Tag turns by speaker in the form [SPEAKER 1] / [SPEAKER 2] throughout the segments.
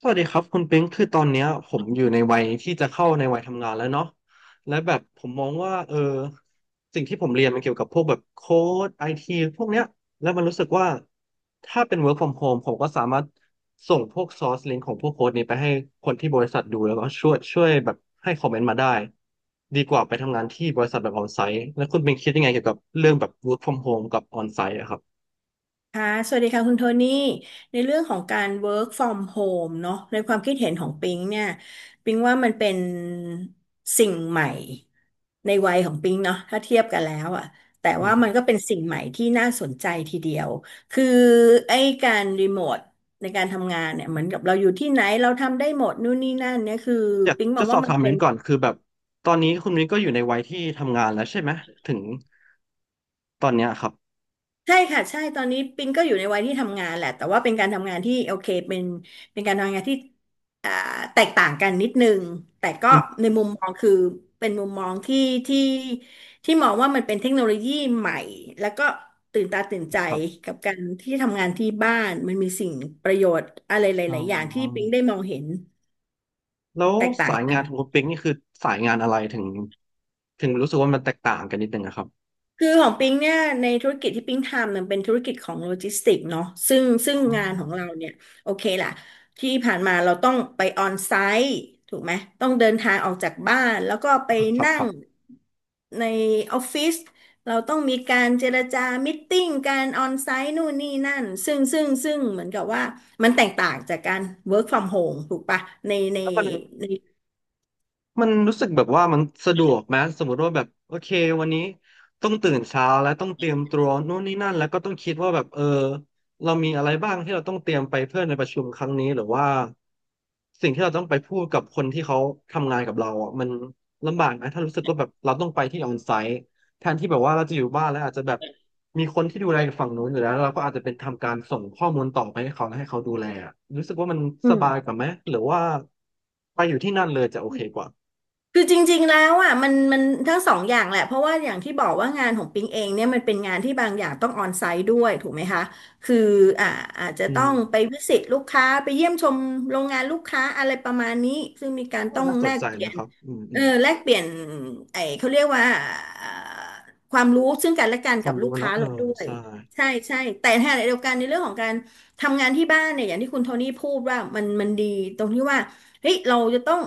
[SPEAKER 1] สวัสดีครับคุณปิงคือตอนเนี้ยผมอยู่ในวัยที่จะเข้าในวัยทำงานแล้วเนาะและแบบผมมองว่าสิ่งที่ผมเรียนมันเกี่ยวกับพวกแบบโค้ดไอทีพวกเนี้ยแล้วมันรู้สึกว่าถ้าเป็น work from home ผมก็สามารถส่งพวก source link ของพวกโค้ดนี้ไปให้คนที่บริษัทดูแล้วก็ช่วยแบบให้คอมเมนต์มาได้ดีกว่าไปทำงานที่บริษัทแบบออนไซต์แล้วคุณปิงคิดยังไงเกี่ยวกับเรื่องแบบ work from home กับออนไซต์อะครับ
[SPEAKER 2] ค่ะสวัสดีค่ะคุณโทนี่ในเรื่องของการ work from home เนอะในความคิดเห็นของปิงเนี่ยปิงว่ามันเป็นสิ่งใหม่ในวัยของปิงเนาะถ้าเทียบกันแล้วอะ แต่ว่ามันก็เป็นสิ่งใหม่ที่น่าสนใจทีเดียว คือไอ้การรีโมทในการทำงานเนี่ยเหมือนกับเราอยู่ที่ไหนเราทำได้หมดนู่นนี่นั่นเนี่ย คือ
[SPEAKER 1] อยาก
[SPEAKER 2] ปิงมอ
[SPEAKER 1] จะ
[SPEAKER 2] ง
[SPEAKER 1] สอ
[SPEAKER 2] ว่า
[SPEAKER 1] บ
[SPEAKER 2] มั
[SPEAKER 1] ถา
[SPEAKER 2] น
[SPEAKER 1] ม
[SPEAKER 2] เป็
[SPEAKER 1] มิ้
[SPEAKER 2] น
[SPEAKER 1] นก่อนคือแบบตอนนี้คุณมิ้นก็อยู่ในวัยที่ทำงานแล้วใช่ไหมถึงตอนเนี้ยครับ
[SPEAKER 2] ใช่ค่ะใช่ตอนนี้ปิงก็อยู่ในวัยที่ทำงานแหละแต่ว่าเป็นการทำงานที่โอเคเป็นการทำงานที่อ่าแตกต่างกันนิดนึงแต่ก็
[SPEAKER 1] อืม
[SPEAKER 2] ในมุมมองคือเป็นมุมมองที่ที่มองว่ามันเป็นเทคโนโลยีใหม่แล้วก็ตื่นตาตื่นใจ
[SPEAKER 1] ครับ
[SPEAKER 2] กับการที่ทำงานที่บ้านมันมีสิ่งประโยชน์อะไรห
[SPEAKER 1] อ๋อ
[SPEAKER 2] ลายๆอย่างที่ปิงได้มองเห็น
[SPEAKER 1] แล้ว
[SPEAKER 2] แตกต่า
[SPEAKER 1] สา
[SPEAKER 2] ง
[SPEAKER 1] ย
[SPEAKER 2] กั
[SPEAKER 1] งา
[SPEAKER 2] น
[SPEAKER 1] นของคุณปิ๊งนี่คือสายงานอะไรถึงรู้สึกว่ามันแตกต่างกันนิดนึงนะครับ
[SPEAKER 2] คือของปิงเนี่ยในธุรกิจที่ปิงทำมันเป็นธุรกิจของโลจิสติกส์เนาะซึ่ง
[SPEAKER 1] อ๋อ
[SPEAKER 2] งานของเราเนี่ยโอเคล่ะที่ผ่านมาเราต้องไปออนไซต์ถูกไหมต้องเดินทางออกจากบ้านแล้วก็
[SPEAKER 1] ค
[SPEAKER 2] ไป
[SPEAKER 1] รับ
[SPEAKER 2] นั่
[SPEAKER 1] ครั
[SPEAKER 2] ง
[SPEAKER 1] บ
[SPEAKER 2] ในออฟฟิศเราต้องมีการเจรจามิทติ้งการออนไซต์นู่นนี่นั่นซึ่งเหมือนกับว่ามันแตกต่างจากการ work from home ถูกปะใน
[SPEAKER 1] แล้วมัน
[SPEAKER 2] ใน
[SPEAKER 1] มันรู้สึกแบบว่ามันสะดวกไหมสมมติว่าแบบโอเควันนี้ต้องตื่นเช้าแล้วต้องเตรียมตัวนู่นนี่นั่นแล้วก็ต้องคิดว่าแบบเรามีอะไรบ้างที่เราต้องเตรียมไปเพื่อในประชุมครั้งนี้หรือว่าสิ่งที่เราต้องไปพูดกับคนที่เขาทำงานกับเราอ่ะมันลำบากนะถ้ารู้สึกว่าแบบเราต้องไปที่ออนไซต์แทนที่แบบว่าเราจะอยู่บ้านแล้วอาจจะแบบมีคนที่ดูแลอฝั่งนู้นอยู่แล้วแล้วเราก็อาจจะเป็นทำการส่งข้อมูลต่อไปให้เขาแล้วให้เขาดูแลอะรู้สึกว่ามัน
[SPEAKER 2] อื
[SPEAKER 1] สบา
[SPEAKER 2] ม
[SPEAKER 1] ยกว่าไหมหรือว่าไปอยู่ที่นั่นเลยจะโอเคกว่า
[SPEAKER 2] คือจริงๆแล้วอ่ะมันทั้งสองอย่างแหละเพราะว่าอย่างที่บอกว่างานของปิงเองเนี่ยมันเป็นงานที่บางอย่างต้องออนไซต์ด้วยถูกไหมคะคืออ่าอาจจะ
[SPEAKER 1] อื
[SPEAKER 2] ต้อ
[SPEAKER 1] ม
[SPEAKER 2] งไปวิสิตลูกค้าไปเยี่ยมชมโรงงานลูกค้าอะไรประมาณนี้ซึ่งมีการ
[SPEAKER 1] ก็
[SPEAKER 2] ต้อง
[SPEAKER 1] น่าส
[SPEAKER 2] แล
[SPEAKER 1] น
[SPEAKER 2] ก
[SPEAKER 1] ใจ
[SPEAKER 2] เปลี่ย
[SPEAKER 1] นะ
[SPEAKER 2] น
[SPEAKER 1] ครับอืมอื
[SPEAKER 2] เออ
[SPEAKER 1] ม
[SPEAKER 2] แลกเปลี่ยนไอ้เขาเรียกว่าเอ่อความรู้ซึ่งกันและกัน
[SPEAKER 1] ค
[SPEAKER 2] กั
[SPEAKER 1] วาม
[SPEAKER 2] บลู
[SPEAKER 1] รู้
[SPEAKER 2] กค้า
[SPEAKER 1] เนาะเออ
[SPEAKER 2] เราด้วย
[SPEAKER 1] ใช่
[SPEAKER 2] ใช่ใช่แต่ในขณะเดียวกันในเรื่องของการทำงานที่บ้านเนี่ยอย่างที่คุณโทนี่พูดว่ามันดีตรงที่ว่า เฮ้ยเราจะต้อง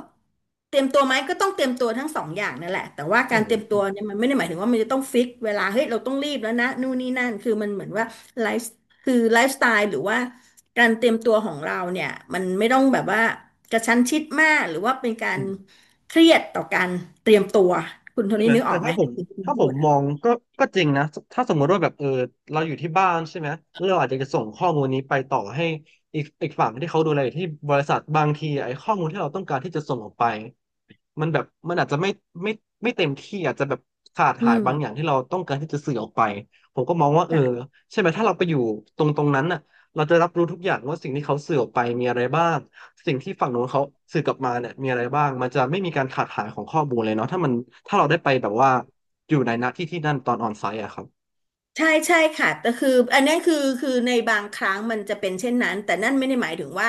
[SPEAKER 2] เตรียมตัวไหมก็ต้องเตรียมตัวทั้งสองอย่างนั่นแหละแต่ว่า
[SPEAKER 1] ใช่
[SPEAKER 2] การ
[SPEAKER 1] ไหม
[SPEAKER 2] เตรียม
[SPEAKER 1] อื
[SPEAKER 2] ตัว
[SPEAKER 1] ม
[SPEAKER 2] เนี่ยมันไม่ได้หมายถึงว่ามันจะต้องฟิกเวลาเฮ้ยเราต้องรีบแล้วนะนู่นนี่นั่นคือมันเหมือนว่าไลฟ์คือไลฟ์สไตล์หรือว่าการเตรียมตัวของเราเนี่ยมันไม่ต้องแบบว่ากระชั้นชิดมากหรือว่าเป็นกา
[SPEAKER 1] อื
[SPEAKER 2] ร
[SPEAKER 1] ม
[SPEAKER 2] เครียดต่อการเตรียมตัวคุณโท
[SPEAKER 1] ใช่
[SPEAKER 2] นี่
[SPEAKER 1] ไหม
[SPEAKER 2] นึกอ
[SPEAKER 1] แต่
[SPEAKER 2] อกไหม
[SPEAKER 1] ถ้าผม
[SPEAKER 2] ที่คุณพูด
[SPEAKER 1] มองก็จริงนะถ้าสมมติว่าแบบเราอยู่ที่บ้านใช่ไหมแล้วเราอาจจะส่งข้อมูลนี้ไปต่อให้อีกฝั่งที่เขาดูแลอยู่ที่บริษัทบางทีไอ้ข้อมูลที่เราต้องการที่จะส่งออกไปมันแบบมันอาจจะไม่ไม่เต็มที่อาจจะแบบขาด
[SPEAKER 2] อื
[SPEAKER 1] หายบางอย่าง
[SPEAKER 2] ม
[SPEAKER 1] ที่เราต้องการที่จะสื่อออกไปผมก็มองว่าใช่ไหมถ้าเราไปอยู่ตรงนั้นน่ะ เราจะรับรู้ทุกอย่างว่าสิ่งที่เขาสื่อออกไปมีอะไรบ้างสิ่งที่ฝั่งโน้นเขาสื่อกลับมาเนี่ยมีอะไรบ้างมันจะไม่มีการขาดหายของข้อมูลเลยเนาะถ้ามันถ้าเราได้ไปแบบว่าอยู่ในณที่ที่นั่นตอนออนไซต์อะครับ
[SPEAKER 2] ใช่ใช่ค่ะแต่คืออันนี้คือในบางครั้งมันจะเป็นเช่นนั้นแต่นั่นไม่ได้หมายถึงว่า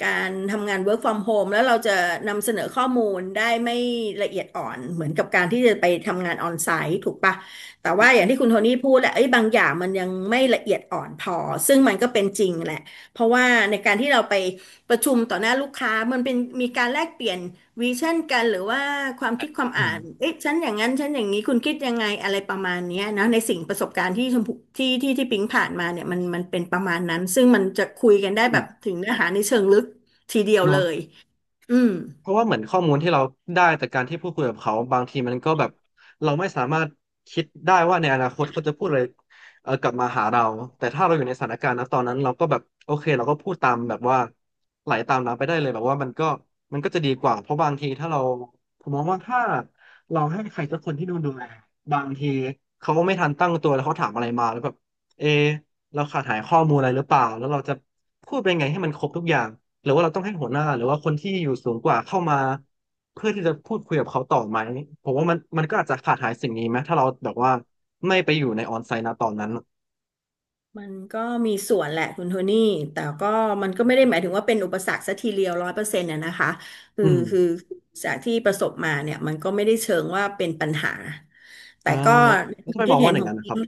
[SPEAKER 2] การทำงาน work from home แล้วเราจะนำเสนอข้อมูลได้ไม่ละเอียดอ่อนเหมือนกับการที่จะไปทำงานออนไซต์ถูกปะแต่ว่าอย่างที่คุณโทนี่พูดแหละไอ้ยบางอย่างมันยังไม่ละเอียดอ่อนพอซึ่งมันก็เป็นจริงแหละเพราะว่าในการที่เราไป ประชุมต่อหน้าลูกค้ามันเป็นมีการแลกเปลี่ยนวิชั่นกันหรือว่าความคิดความ
[SPEAKER 1] อืม
[SPEAKER 2] อ่านเอ๊ะฉันอย่างนั้นฉันอย่างนี้คุณคิดยังไงอะไรประมาณเนี้ยนะในสิ่งประสบการณ์ที่ชมพูที่ปิ๊งผ่านมาเนี่ยมันมันเป็นประมาณนั้นซึ่งมันจะคุยกันได้
[SPEAKER 1] อื
[SPEAKER 2] แบ
[SPEAKER 1] ม
[SPEAKER 2] บถึงเนื้อหาในเชิงลึกทีเดียว
[SPEAKER 1] เนาะ
[SPEAKER 2] เลยอืม
[SPEAKER 1] เพราะว่าเหมือนข้อมูลที่เราได้จากการที่พูดคุยกับเขาบางทีมันก็แบบเราไม่สามารถคิดได้ว่าในอนาคตเขาจะพูดอะไรกลับมาหาเราแต่ถ้าเราอยู่ในสถานการณ์นะตอนนั้นเราก็แบบโอเคเราก็พูดตามแบบว่าไหลตามน้ำไปได้เลยแบบว่ามันก็ มันก็จะดีกว่าเพราะบางทีถ้าเราผมมองว่าถ้า เราให้ใครสักคนที่ดูแลบางทีเขาไม่ทันตั้งตัวแล้วเขาถามอะไรมาแล้วแบบเอะเราขาดหายข้อมูลอะไรหรือเปล่าแล้วเราจะพูดเป็นไงให้มันครบทุกอย่าง หรือว่าเราต้องให้หัวหน้าหรือว่าคนที่อยู่สูงกว่าเข้ามาเพื่อที่จะพูดคุยกับเขาต่อไหมผมว่ามันก็อาจจะขาดหายสิ่งนี้ไหมถ้าเราแบบว่าไม่ไปอยู่ในออนไซต์นะตอนนั้น
[SPEAKER 2] มันก็มีส่วนแหละคุณโทนี่แต่ก็มันก็ไม่ได้หมายถึงว่าเป็นอุปสรรคสักทีเดียวร้อยเปอร์เซ็นต์นะนะคะ คือ
[SPEAKER 1] อืม
[SPEAKER 2] คือจากที่ประสบมาเนี่ยมันก็ไม่ได้เชิงว่าเป็นปัญหา แต่
[SPEAKER 1] อ่า
[SPEAKER 2] ก็
[SPEAKER 1] แล้ว
[SPEAKER 2] ในควา
[SPEAKER 1] ทำ
[SPEAKER 2] ม
[SPEAKER 1] ไม
[SPEAKER 2] คิ
[SPEAKER 1] ม
[SPEAKER 2] ด
[SPEAKER 1] อง
[SPEAKER 2] เห็
[SPEAKER 1] ว่า
[SPEAKER 2] น
[SPEAKER 1] อ
[SPEAKER 2] ข
[SPEAKER 1] ย่าง
[SPEAKER 2] อง
[SPEAKER 1] นั้นนะค
[SPEAKER 2] ปิ๊
[SPEAKER 1] รั
[SPEAKER 2] ง
[SPEAKER 1] บ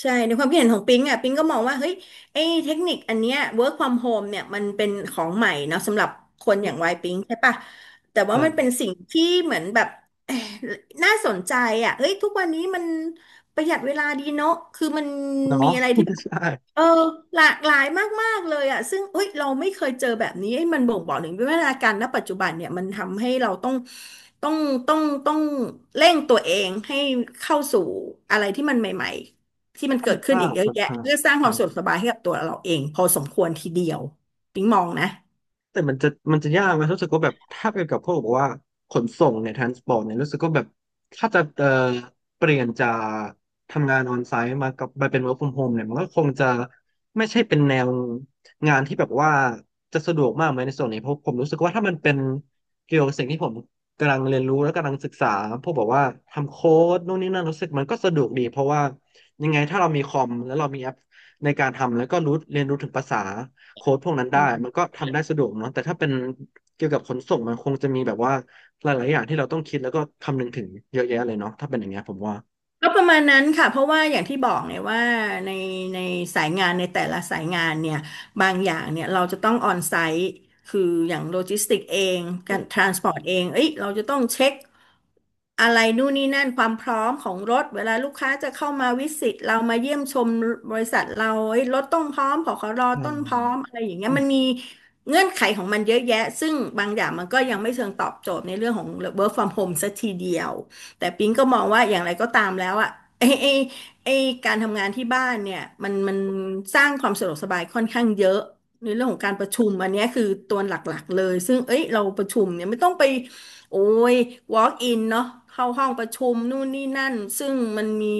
[SPEAKER 2] ใช่ในความคิดเห็นของปิงอ่ะปิงก็มองว่าเฮ้ยไอ้เทคนิคอันเนี้ย work from home เนี่ยมันเป็นของใหม่เนาะสำหรับคนอ
[SPEAKER 1] อ
[SPEAKER 2] ย่างวั
[SPEAKER 1] ม
[SPEAKER 2] ยปิงใช่ปะแต่ว่า
[SPEAKER 1] ใช่
[SPEAKER 2] มันเป็นสิ่งที่เหมือนแบบเอยน่าสนใจอ่ะเฮ้ยทุกวันนี้มันประหยัดเวลาดีเนาะคือมันมี
[SPEAKER 1] เนาะ
[SPEAKER 2] อะไรที่แบบ
[SPEAKER 1] ใช่
[SPEAKER 2] เออหลากหลายมากๆเลยอ่ะซึ่งเอ้ยเราไม่เคยเจอแบบนี้เอ้ยมันบ่งบอกถึงวิวัฒนาการณปัจจุบันเนี่ยมันทำให้เราต้องต้องต้องต้องเร่งตัวเองให้เข้าสู่อะไรที่มันใหม่ ที่มั น
[SPEAKER 1] ค่อ
[SPEAKER 2] เกิ
[SPEAKER 1] น
[SPEAKER 2] ดขึ้น
[SPEAKER 1] ข้า
[SPEAKER 2] อี
[SPEAKER 1] ง
[SPEAKER 2] กเยอะ
[SPEAKER 1] ค่อน
[SPEAKER 2] แยะ
[SPEAKER 1] ข้าง
[SPEAKER 2] เพื่อสร้างค
[SPEAKER 1] ใช่
[SPEAKER 2] วามสะดวกสบายให้กับตัวเราเองพอสมควรทีเดียวปิ๊งมองนะ
[SPEAKER 1] แต่มันจะยากไหมรู้สึกว่าแบบถ้าเป็นกับพวกบอกว่าขนส่งเนี่ยทรานสปอร์ตเนี่ยรู้สึกว่าแบบถ้าจะเปลี่ยนจากทำงานออนไซต์มากับมาเป็น work from home เนี่ยมันก็คงจะไม่ใช่เป็นแนวงานที่แบบว่าจะสะดวกมากไหมในส่วนนี้เพราะผมรู้สึกว่าถ้ามันเป็นเกี่ยวกับสิ่งที่ผมกำลังเรียนรู้และกำลังศึกษาพวกแบบว่าทำโค้ดนู่นนี่นั่นรู้สึกมันก็สะดวกดีเพราะว่ายังไงถ้าเรามีคอมแล้วเรามีแอปในการทำแล้วก็รู้เรียนรู้ถึงภาษา โค้ดพวกนั้นได้
[SPEAKER 2] อื
[SPEAKER 1] มั
[SPEAKER 2] ม
[SPEAKER 1] นก็ทำได้สะดวกเนาะแต่ถ้าเป็นเกี่ยวกับขนส่งมันคงจะมีแบบว่าหลายๆอย่างที่เราต้องคิดแล้วก็คำนึงถึงเยอะแยะเลยเนาะถ้าเป็นอย่างเงี้ยผมว่า
[SPEAKER 2] ก็ประมาณนั้นค่ะเพราะว่าอย่างที่บอกเนี่ยว่าในในสายงานในแต่ละสายงานเนี่ยบางอย่างเนี่ยเราจะต้องออนไซต์คืออย่างโลจิสติกเองการทรานสปอร์ตเองเอ้ยเราจะต้องเช็ค อะไรนู่นนี่นั่นความพร้อมของรถเวลาลูกค้าจะเข้ามาวิสิตเรามาเยี่ยมชมบริษัทเราเอ้ยรถต้องพร้อมผขร
[SPEAKER 1] อื
[SPEAKER 2] ต้
[SPEAKER 1] ม
[SPEAKER 2] นพร้อมอะไรอย่างเงี้ย
[SPEAKER 1] อืม
[SPEAKER 2] มันมีเงื่อนไขของมันเยอะแยะซึ่งบางอย่างมันก็ยังไม่เชิงตอบโจทย์ในเรื่องของ work from home สักทีเดียวแต่ปิ๊งก็มองว่าอย่างไรก็ตามแล้วอะไอ้ไอ้ไอ้การทำงานที่บ้านเนี่ยมันสร้างความสะดวกสบายค่อนข้างเยอะในเรื่องของการประชุมอันเนี้ยคือตัวหลักๆเลยซึ่งเอ้ยเราประชุมเนี่ยไม่ต้องไป โอ้ย walk in เนาะเข้าห้องประชุมนู่นนี่นั่น ซึ่งมันมี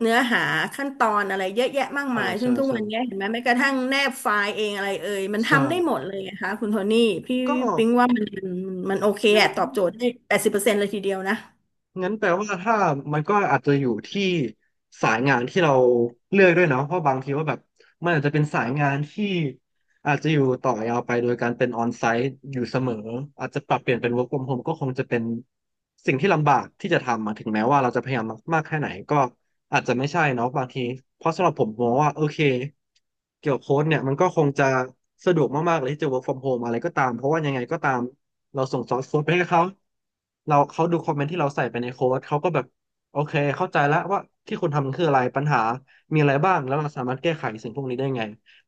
[SPEAKER 2] เนื้อหาขั้นตอนอะไรเยอะแยะมากมาย ซึ่
[SPEAKER 1] ใช่
[SPEAKER 2] งทุก
[SPEAKER 1] ใช่
[SPEAKER 2] วันเนี้ยเห็นไหมแม้กระทั่งแนบไฟล์เองอะไรเอ่ย มัน
[SPEAKER 1] ใช่
[SPEAKER 2] ทำได้หมดเลยนะคะคุณโทนี่พี่
[SPEAKER 1] ก็
[SPEAKER 2] ปิ๊งว่ามันโอเค
[SPEAKER 1] งั้น
[SPEAKER 2] อะตอบโจทย์ได้แปดสิบเปอร์เซ็นต์เลยทีเดียวนะ
[SPEAKER 1] งั้นแปลว่าถ้ามันก็อาจจะอยู่ที่สายงานที่เราเลือกด้วยเนาะเพราะบางทีว่าแบบมันอาจจะเป็นสายงานที่ อาจจะอยู่ต่อยาวไปโดยการเป็นออนไซต์อยู่เสมออาจจะปรับเปลี่ยนเป็น work from home ก็คงจะเป็นสิ่งที่ลำบากที่จะทำอะถึงแม้ว่าเราจะพยายามมากๆแค่ไหนก็อาจจะไม่ใช่เนาะบางทีเพราะสำหรับผมมองว่าโอเคเกี่ยวกับโค้ดเนี่ยมันก็คงจะสะดวกมากๆเลยที่จะ work from home อะไรก็ตามเพราะว่ายังไงก็ตามเราส่งซอสโค้ดไปให้เขาเราเขาดูคอมเมนต์ที่เราใส่ไปในโค้ดเขาก็แบบโอเคเข้าใจแล้วว่าที่คุณทำมันคืออะไรปัญหามีอะไรบ้างแล้วเราสามารถแก้ไขสิ่งพวกนี้ได้ไง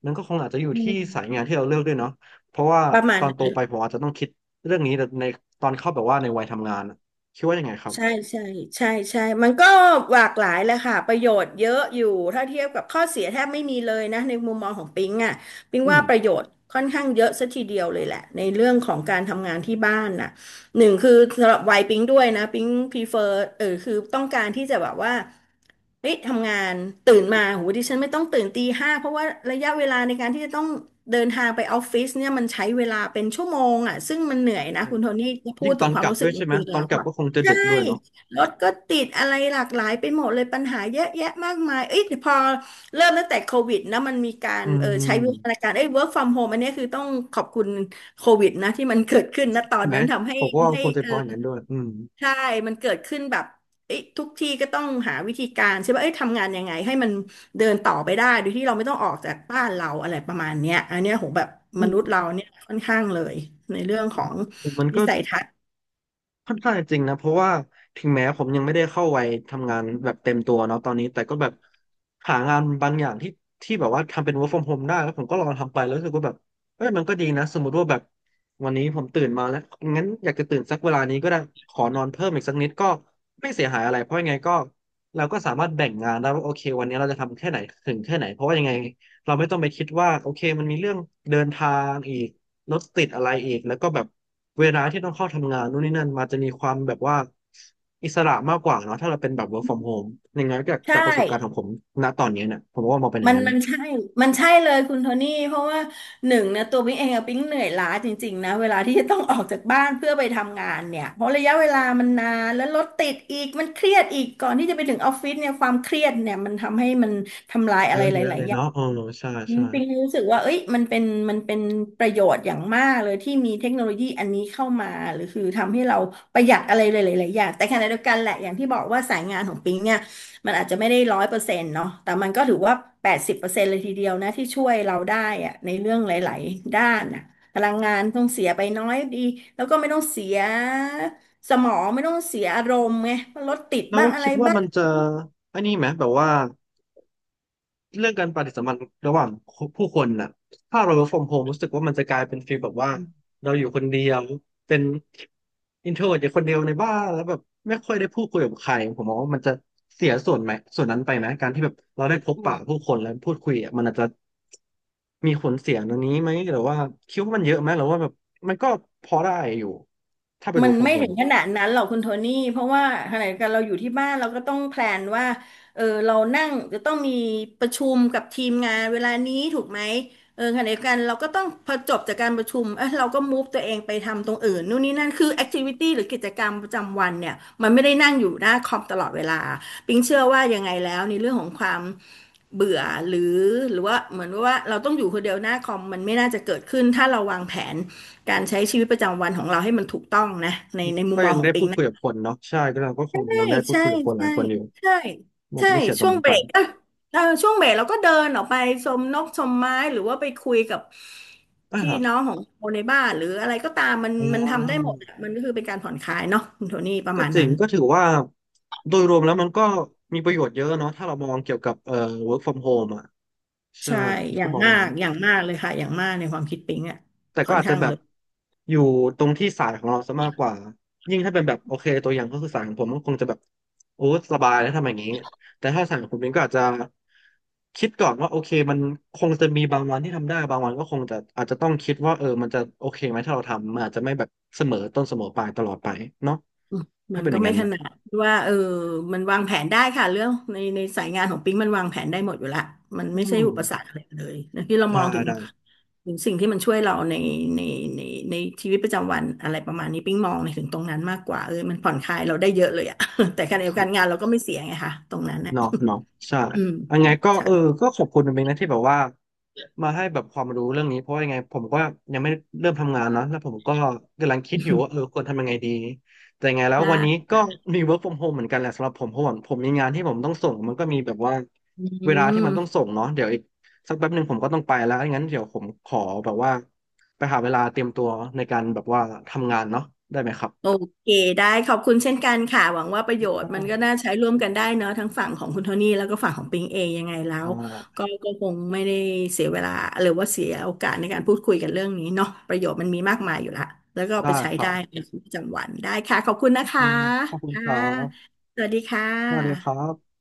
[SPEAKER 1] มันก็คงอาจจะอยู่
[SPEAKER 2] อื
[SPEAKER 1] ที่สาย
[SPEAKER 2] ม
[SPEAKER 1] งานที่เราเลือกด้วยเนาะเพราะว่า
[SPEAKER 2] ประมา
[SPEAKER 1] ต
[SPEAKER 2] ณ
[SPEAKER 1] อนโตไปผมอาจจะต้องคิดเรื่องนี้แต่ในตอนเข้าแบบว่าในวัยทำงานอะคิดว่ายังไงครับ
[SPEAKER 2] ใช่ใช่ใช่ใช่มันก็หลากหลายแหละค่ะประโยชน์เยอะอยู่ถ้าเทียบกับข้อเสียแทบไม่มีเลยนะในมุมมองของปิงอ่ะปิง
[SPEAKER 1] อื
[SPEAKER 2] ว่า
[SPEAKER 1] ม
[SPEAKER 2] ประโยชน์ค่อนข้างเยอะซะทีเดียวเลยแหละในเรื่องของการทำงานที่บ้านน่ะหนึ่งคือสำหรับวัยปิงด้วยนะปิงพรีเฟอร์เออคือต้องการที่จะแบบว่าเฮ้ยทำงานตื่นมาโหดิฉันไม่ต้องตื่นตีห้าเพราะว่าระยะเวลาในการที่จะต้องเดินทางไปออฟฟิศเนี่ยมันใช้เวลาเป็นชั่วโมงอ่ะซึ่งมันเหนื่อยนะ
[SPEAKER 1] ใช่
[SPEAKER 2] คุณโทนี่พู
[SPEAKER 1] ยิ่
[SPEAKER 2] ด
[SPEAKER 1] งต
[SPEAKER 2] ถึ
[SPEAKER 1] อ
[SPEAKER 2] ง
[SPEAKER 1] น
[SPEAKER 2] ความ
[SPEAKER 1] กลับ
[SPEAKER 2] รู้สึ
[SPEAKER 1] ด้
[SPEAKER 2] ก
[SPEAKER 1] วย
[SPEAKER 2] จ
[SPEAKER 1] ใช่ไหม
[SPEAKER 2] ริงๆ
[SPEAKER 1] ต
[SPEAKER 2] แล้
[SPEAKER 1] อน
[SPEAKER 2] ว
[SPEAKER 1] กลับ
[SPEAKER 2] อะ
[SPEAKER 1] ก็คงจะ
[SPEAKER 2] ใช่
[SPEAKER 1] ดึกด้วยเนาะ
[SPEAKER 2] รถก็ติดอะไรหลากหลายไปหมดเลยปัญหาเยอะแยะมากมายเอ้ยพอเริ่มตั้งแต่โควิดนะมันมีการ
[SPEAKER 1] อื
[SPEAKER 2] เออใช้
[SPEAKER 1] ม
[SPEAKER 2] วิวัฒนาการเอ้ย work from home อันเนี้ยคือต้องขอบคุณโควิดนะที่มันเกิดขึ้นนะตอ
[SPEAKER 1] ใช่
[SPEAKER 2] น
[SPEAKER 1] ไหม
[SPEAKER 2] นั้นทำให้
[SPEAKER 1] ผมก็ว่ามัน
[SPEAKER 2] ให้
[SPEAKER 1] คงจะ
[SPEAKER 2] เออ
[SPEAKER 1] พออย่างนั้นด้วยอืม
[SPEAKER 2] ใช่ มันเกิดขึ้นแบบเอ้ยทุกที่ก็ต้องหาวิธีการใช่ป่ะเอ้ยทำงานยังไงให้มันเดินต่อไปได้โดยที่เราไม่ต้องออกจากบ้านเราอะไรประมาณเนี้ยอันเนี้ยโหแบบ
[SPEAKER 1] อื
[SPEAKER 2] ม
[SPEAKER 1] ม
[SPEAKER 2] นุษย์เราเนี่ยค่อนข้างเลยในเรื่องของ
[SPEAKER 1] มัน
[SPEAKER 2] วิ
[SPEAKER 1] ก็
[SPEAKER 2] สัยทัศน์
[SPEAKER 1] ค่อนข้างจะจริงนะเพราะว่าถึงแม้ผมยังไม่ได้เข้าวัยทำงานแบบเต็มตัวเนาะตอนนี้แต่ก็แบบหางานบางอย่างที่แบบว่าทำเป็น work from home ได้แล้วผมก็ลองทำไปแล้วรู้สึกว่าแบบเอ้ยมันก็ดีนะสมมติว่าแบบวันนี้ผมตื่นมาแล้วงั้นอยากจะตื่นสักเวลานี้ก็ได้ขอนอนเพิ่มอีกสักนิดก็ไม่เสียหายอะไรเพราะยังไงก็เราก็สามารถแบ่งงานได้ว่าโอเควันนี้เราจะทำแค่ไหนถึงแค่ไหนเพราะว่ายังไงเราไม่ต้องไปคิดว่าโอเคมันมีเรื่องเดินทางอีก รถติดอะไรอีกแล้วก็แบบเวลาที่ต้องเข้าทำงานนู่นนี่นั่นมาจะมีความแบบว่าอิสระมากกว่าเนาะถ้าเราเป็นแบบ work from home อย่างนั้นจาก
[SPEAKER 2] ใช่
[SPEAKER 1] จากประสบการณ์ของผมณตอนนี้เนี่ยผมว่ามองเป็นอ
[SPEAKER 2] มั
[SPEAKER 1] ย่าง
[SPEAKER 2] น
[SPEAKER 1] นั้น
[SPEAKER 2] มันใช่มันใช่เลยคุณโทนี่เพราะว่าหนึ่งนะตัวปิ๊งเองอะปิ๊งเหนื่อยล้าจริงๆนะเวลาที่จะต้องออกจากบ้านเพื่อไปทำงานเนี่ยเพราะระยะเวลามันนานแล้วรถติดอีกมันเครียดอีกก่อนที่จะไปถึงออฟฟิศเนี่ยความเครียดเนี่ยมันทำให้มันทำลายอะ
[SPEAKER 1] เย
[SPEAKER 2] ไร
[SPEAKER 1] อะ
[SPEAKER 2] ห
[SPEAKER 1] แยะ
[SPEAKER 2] ลา
[SPEAKER 1] เล
[SPEAKER 2] ย
[SPEAKER 1] ย
[SPEAKER 2] ๆอย่า
[SPEAKER 1] เนาะ
[SPEAKER 2] ง
[SPEAKER 1] เออใช่
[SPEAKER 2] จ
[SPEAKER 1] ใช่
[SPEAKER 2] ริงๆรู้สึกว่าเอ้ยมันเป็นประโยชน์อย่างมากเลยที่มีเทคโนโลยีอันนี้เข้ามาหรือคือทำให้เราประหยัดอะไรหลายๆอย่างแต่ขณะเดียวกันแหละอย่างที่บอกว่าสายงานของปิงเนี่ยมันอาจจะไม่ได้100%เนาะแต่มันก็ถือว่าแปดสิบเปอร์เซ็นต์เลยทีเดียวนะที่ช่วยเราได้อะในเรื่องหลายๆด้านนะพลังงานต้องเสียไปน้อยดีแล้วก็ไม่ต้องเสียสมองไม่ต้องเสียอารมณ์ไงรถติด
[SPEAKER 1] แล้ว
[SPEAKER 2] บ้างอะไร
[SPEAKER 1] คิดว่า
[SPEAKER 2] บ้าง
[SPEAKER 1] มันจะไอ้นี่ไหมแบบว่า เรื่องการปฏิสัมพันธ์ระหว่างผู้คนน่ะถ้าเรา work from home รู้สึกว่ามันจะกลายเป็นฟีลแบบว่าเราอยู่คนเดียวเป็น introvert อยู่คนเดียวในบ้านแล้วแบบไม่ค่อยได้พูดคุยกับใครผมมองว่ามันจะเสียส่วนไหมส่วนนั้นไปไหมการที่แบบเราได้พบปะผู้คนแล้วพูดคุยอ่ะมันอาจจะมีผลเสียตรงนี้ไหมหรือว่าคิดว่ามันเยอะไหมหรือว่าแบบมันก็พอได้อยู่ถ้าเป็น
[SPEAKER 2] มัน
[SPEAKER 1] work from
[SPEAKER 2] ไม่ถึ
[SPEAKER 1] home
[SPEAKER 2] ง
[SPEAKER 1] อะ
[SPEAKER 2] ขนาดนั้นหรอกคุณโทนี่เพราะว่าขณะเดียวกันเราอยู่ที่บ้านเราก็ต้องแพลนว่าเออเรานั่งจะต้องมีประชุมกับทีมงานเวลานี้ถูกไหมเออขณะเดียวกันเราก็ต้องพอจบจากการประชุมเออเราก็มูฟตัวเองไปทำตรงอื่นนู่นนี่นั่นคือแอคทิวิตี้หรือกิจกรรมประจำวันเนี่ยมันไม่ได้นั่งอยู่หน้าคอมตลอดเวลาปิงเชื่อว่ายังไงแล้วในเรื่องของความเบื่อหรือหรือว่าเหมือนว่าเราต้องอยู่คนเดียวหน้าคอมมันไม่น่าจะเกิดขึ้นถ้าเราวางแผน การใช้ชีวิตประจำวันของเราให้มันถูกต้องนะในมุ
[SPEAKER 1] ก็
[SPEAKER 2] มมอ
[SPEAKER 1] ยั
[SPEAKER 2] ง
[SPEAKER 1] ง
[SPEAKER 2] ของ
[SPEAKER 1] ได้
[SPEAKER 2] ปิ
[SPEAKER 1] พู
[SPEAKER 2] ง
[SPEAKER 1] ดคุ
[SPEAKER 2] นะ
[SPEAKER 1] ยกับคนเนาะใช่ก็เราก็ค
[SPEAKER 2] ใช่
[SPEAKER 1] งยังได้พูด
[SPEAKER 2] ใช่
[SPEAKER 1] คุยกับคนหลา
[SPEAKER 2] ใช่
[SPEAKER 1] ยคนอยู่
[SPEAKER 2] ใช่
[SPEAKER 1] มัน
[SPEAKER 2] ใช่
[SPEAKER 1] จะไม่เสียตร
[SPEAKER 2] ช่
[SPEAKER 1] ง
[SPEAKER 2] วง
[SPEAKER 1] นั้น
[SPEAKER 2] เบ
[SPEAKER 1] ไป
[SPEAKER 2] รกเออช่วงเบรกเราก็เดินออกไปชมนกชมไม้หรือว่าไปคุยกับพี่
[SPEAKER 1] อ่า
[SPEAKER 2] น้องของคนในบ้านหรืออะไรก็ตามมัน
[SPEAKER 1] อ่
[SPEAKER 2] มันทำได้ห
[SPEAKER 1] า
[SPEAKER 2] มดอะมันก็คือเป็นการผ่อนคลายเนาะคุณโทนี่ประ
[SPEAKER 1] ก็
[SPEAKER 2] มาณ
[SPEAKER 1] จริ
[SPEAKER 2] นั้
[SPEAKER 1] ง
[SPEAKER 2] น
[SPEAKER 1] ก็ถือว่าโดยรวมแล้วมันก็มีประโยชน์เยอะเนาะถ้าเรามองเกี่ยวกับwork from home อ่ะใช่
[SPEAKER 2] ใช่
[SPEAKER 1] ผม
[SPEAKER 2] อย่า
[SPEAKER 1] ก็
[SPEAKER 2] ง
[SPEAKER 1] มอง
[SPEAKER 2] มา
[SPEAKER 1] ว่า
[SPEAKER 2] ก
[SPEAKER 1] นั้น
[SPEAKER 2] อย่างมากเลยค่ะอย่างมากในความคิดปิงอ่ะ
[SPEAKER 1] แต่ก็
[SPEAKER 2] ค่อน
[SPEAKER 1] อาจจะ
[SPEAKER 2] ข้าง
[SPEAKER 1] แบ
[SPEAKER 2] เล
[SPEAKER 1] บ
[SPEAKER 2] ย
[SPEAKER 1] อยู่ตรงที่สายของเราซะมากกว่ายิ่งถ้าเป็นแบบโอเคตัวอย่างก็คือสายของผมก็คงจะแบบโอ้สบายแล้วทำอย่างนี้แต่ถ้าสายของคุณเป็นก็อาจจะคิดก่อนว่าโอเคมันคงจะมีบางวันที่ทำได้บางวันก็คงจะอาจจะต้องคิดว่าเออมันจะโอเคไหมถ้าเราทำมันอาจจะไม่แบบเสมอต้นเสมอปลายตลอดไปเนาะถ้า
[SPEAKER 2] มัน
[SPEAKER 1] เป็นอ
[SPEAKER 2] ก็
[SPEAKER 1] ย่าง
[SPEAKER 2] ไม่
[SPEAKER 1] นั้น
[SPEAKER 2] ข
[SPEAKER 1] นะ
[SPEAKER 2] นาดที่ว่าเออมันวางแผนได้ค่ะเรื่องในสายงานของปิ๊งมันวางแผนได้หมดอยู่ละมัน
[SPEAKER 1] อื
[SPEAKER 2] ไม่ใช่
[SPEAKER 1] ม
[SPEAKER 2] อุปสรรคอะไรเลยนะที่เรามอ
[SPEAKER 1] ได้
[SPEAKER 2] งถึง
[SPEAKER 1] ได้
[SPEAKER 2] ถึงสิ่งที่มันช่วยเราในในในชีวิตประจำวันอะไรประมาณนี้ปิ๊งมองในถึงตรงนั้นมากกว่าเออมันผ่อนคลายเราได้เยอะเลยอะ แต่
[SPEAKER 1] โอ
[SPEAKER 2] การเดีย
[SPEAKER 1] เค
[SPEAKER 2] วกันงานเราก็ไม่เสียไงค่ะตรงนั้นนะ
[SPEAKER 1] เนาะเนาะใช่
[SPEAKER 2] อืม
[SPEAKER 1] ยังไงก็
[SPEAKER 2] ใช่
[SPEAKER 1] เออก็ขอบคุณเป็นนะที่แบบว่ามาให้แบบความรู้เรื่องนี้เพราะว่ายังไงผมก็ยังไม่เริ่มทำงานเนาะแล้วผมก็กำลังคิดอยู่ว่าเออควรทำยังไงดีแต่ยังไงแล้ววันนี้
[SPEAKER 2] ไ้
[SPEAKER 1] ก็มี work from home เหมือนกันแหละสำหรับผมเพราะว่าผมมีงานที่ผมต้องส่งมันก็มีแบบว่า
[SPEAKER 2] อื
[SPEAKER 1] เวลาที่
[SPEAKER 2] ม
[SPEAKER 1] มันต้องส่งเนาะเดี๋ยวอีกสักแป๊บหนึ่งผมก็ต้องไปแล้วงั้นเดี๋ยวผมขอแบบว่าไปหาเวลาเตรียมตัวในการแบบว่าทำงานเนาะได้ไหมครั
[SPEAKER 2] โอ
[SPEAKER 1] บ
[SPEAKER 2] เคได้ขอบคุณเช่นกันค่ะหวังว่าประโยชน์มันก็น่าใช้ร่วมกันได้เนอะทั้งฝั่งของคุณโทนี่แล้วก็ฝั่งของปิงเองยังไงแล้
[SPEAKER 1] อ่
[SPEAKER 2] ว
[SPEAKER 1] า
[SPEAKER 2] ก็ก็คงไม่ได้เสียเวลาหรือว่าเสียโอกาสในการพูดคุยกันเรื่องนี้เนาะประโยชน์มันมีมากมายอยู่ละแล้วก็เอาไป
[SPEAKER 1] ได้
[SPEAKER 2] ใช้
[SPEAKER 1] ครั
[SPEAKER 2] ได้
[SPEAKER 1] บ
[SPEAKER 2] ในชีวิตประจำวันได้ค่ะขอบคุณนะคะ
[SPEAKER 1] ได้ขอบคุณค
[SPEAKER 2] ค่ะ
[SPEAKER 1] รับ
[SPEAKER 2] สวัสดีค่
[SPEAKER 1] สวัสดีครั
[SPEAKER 2] ะ
[SPEAKER 1] บ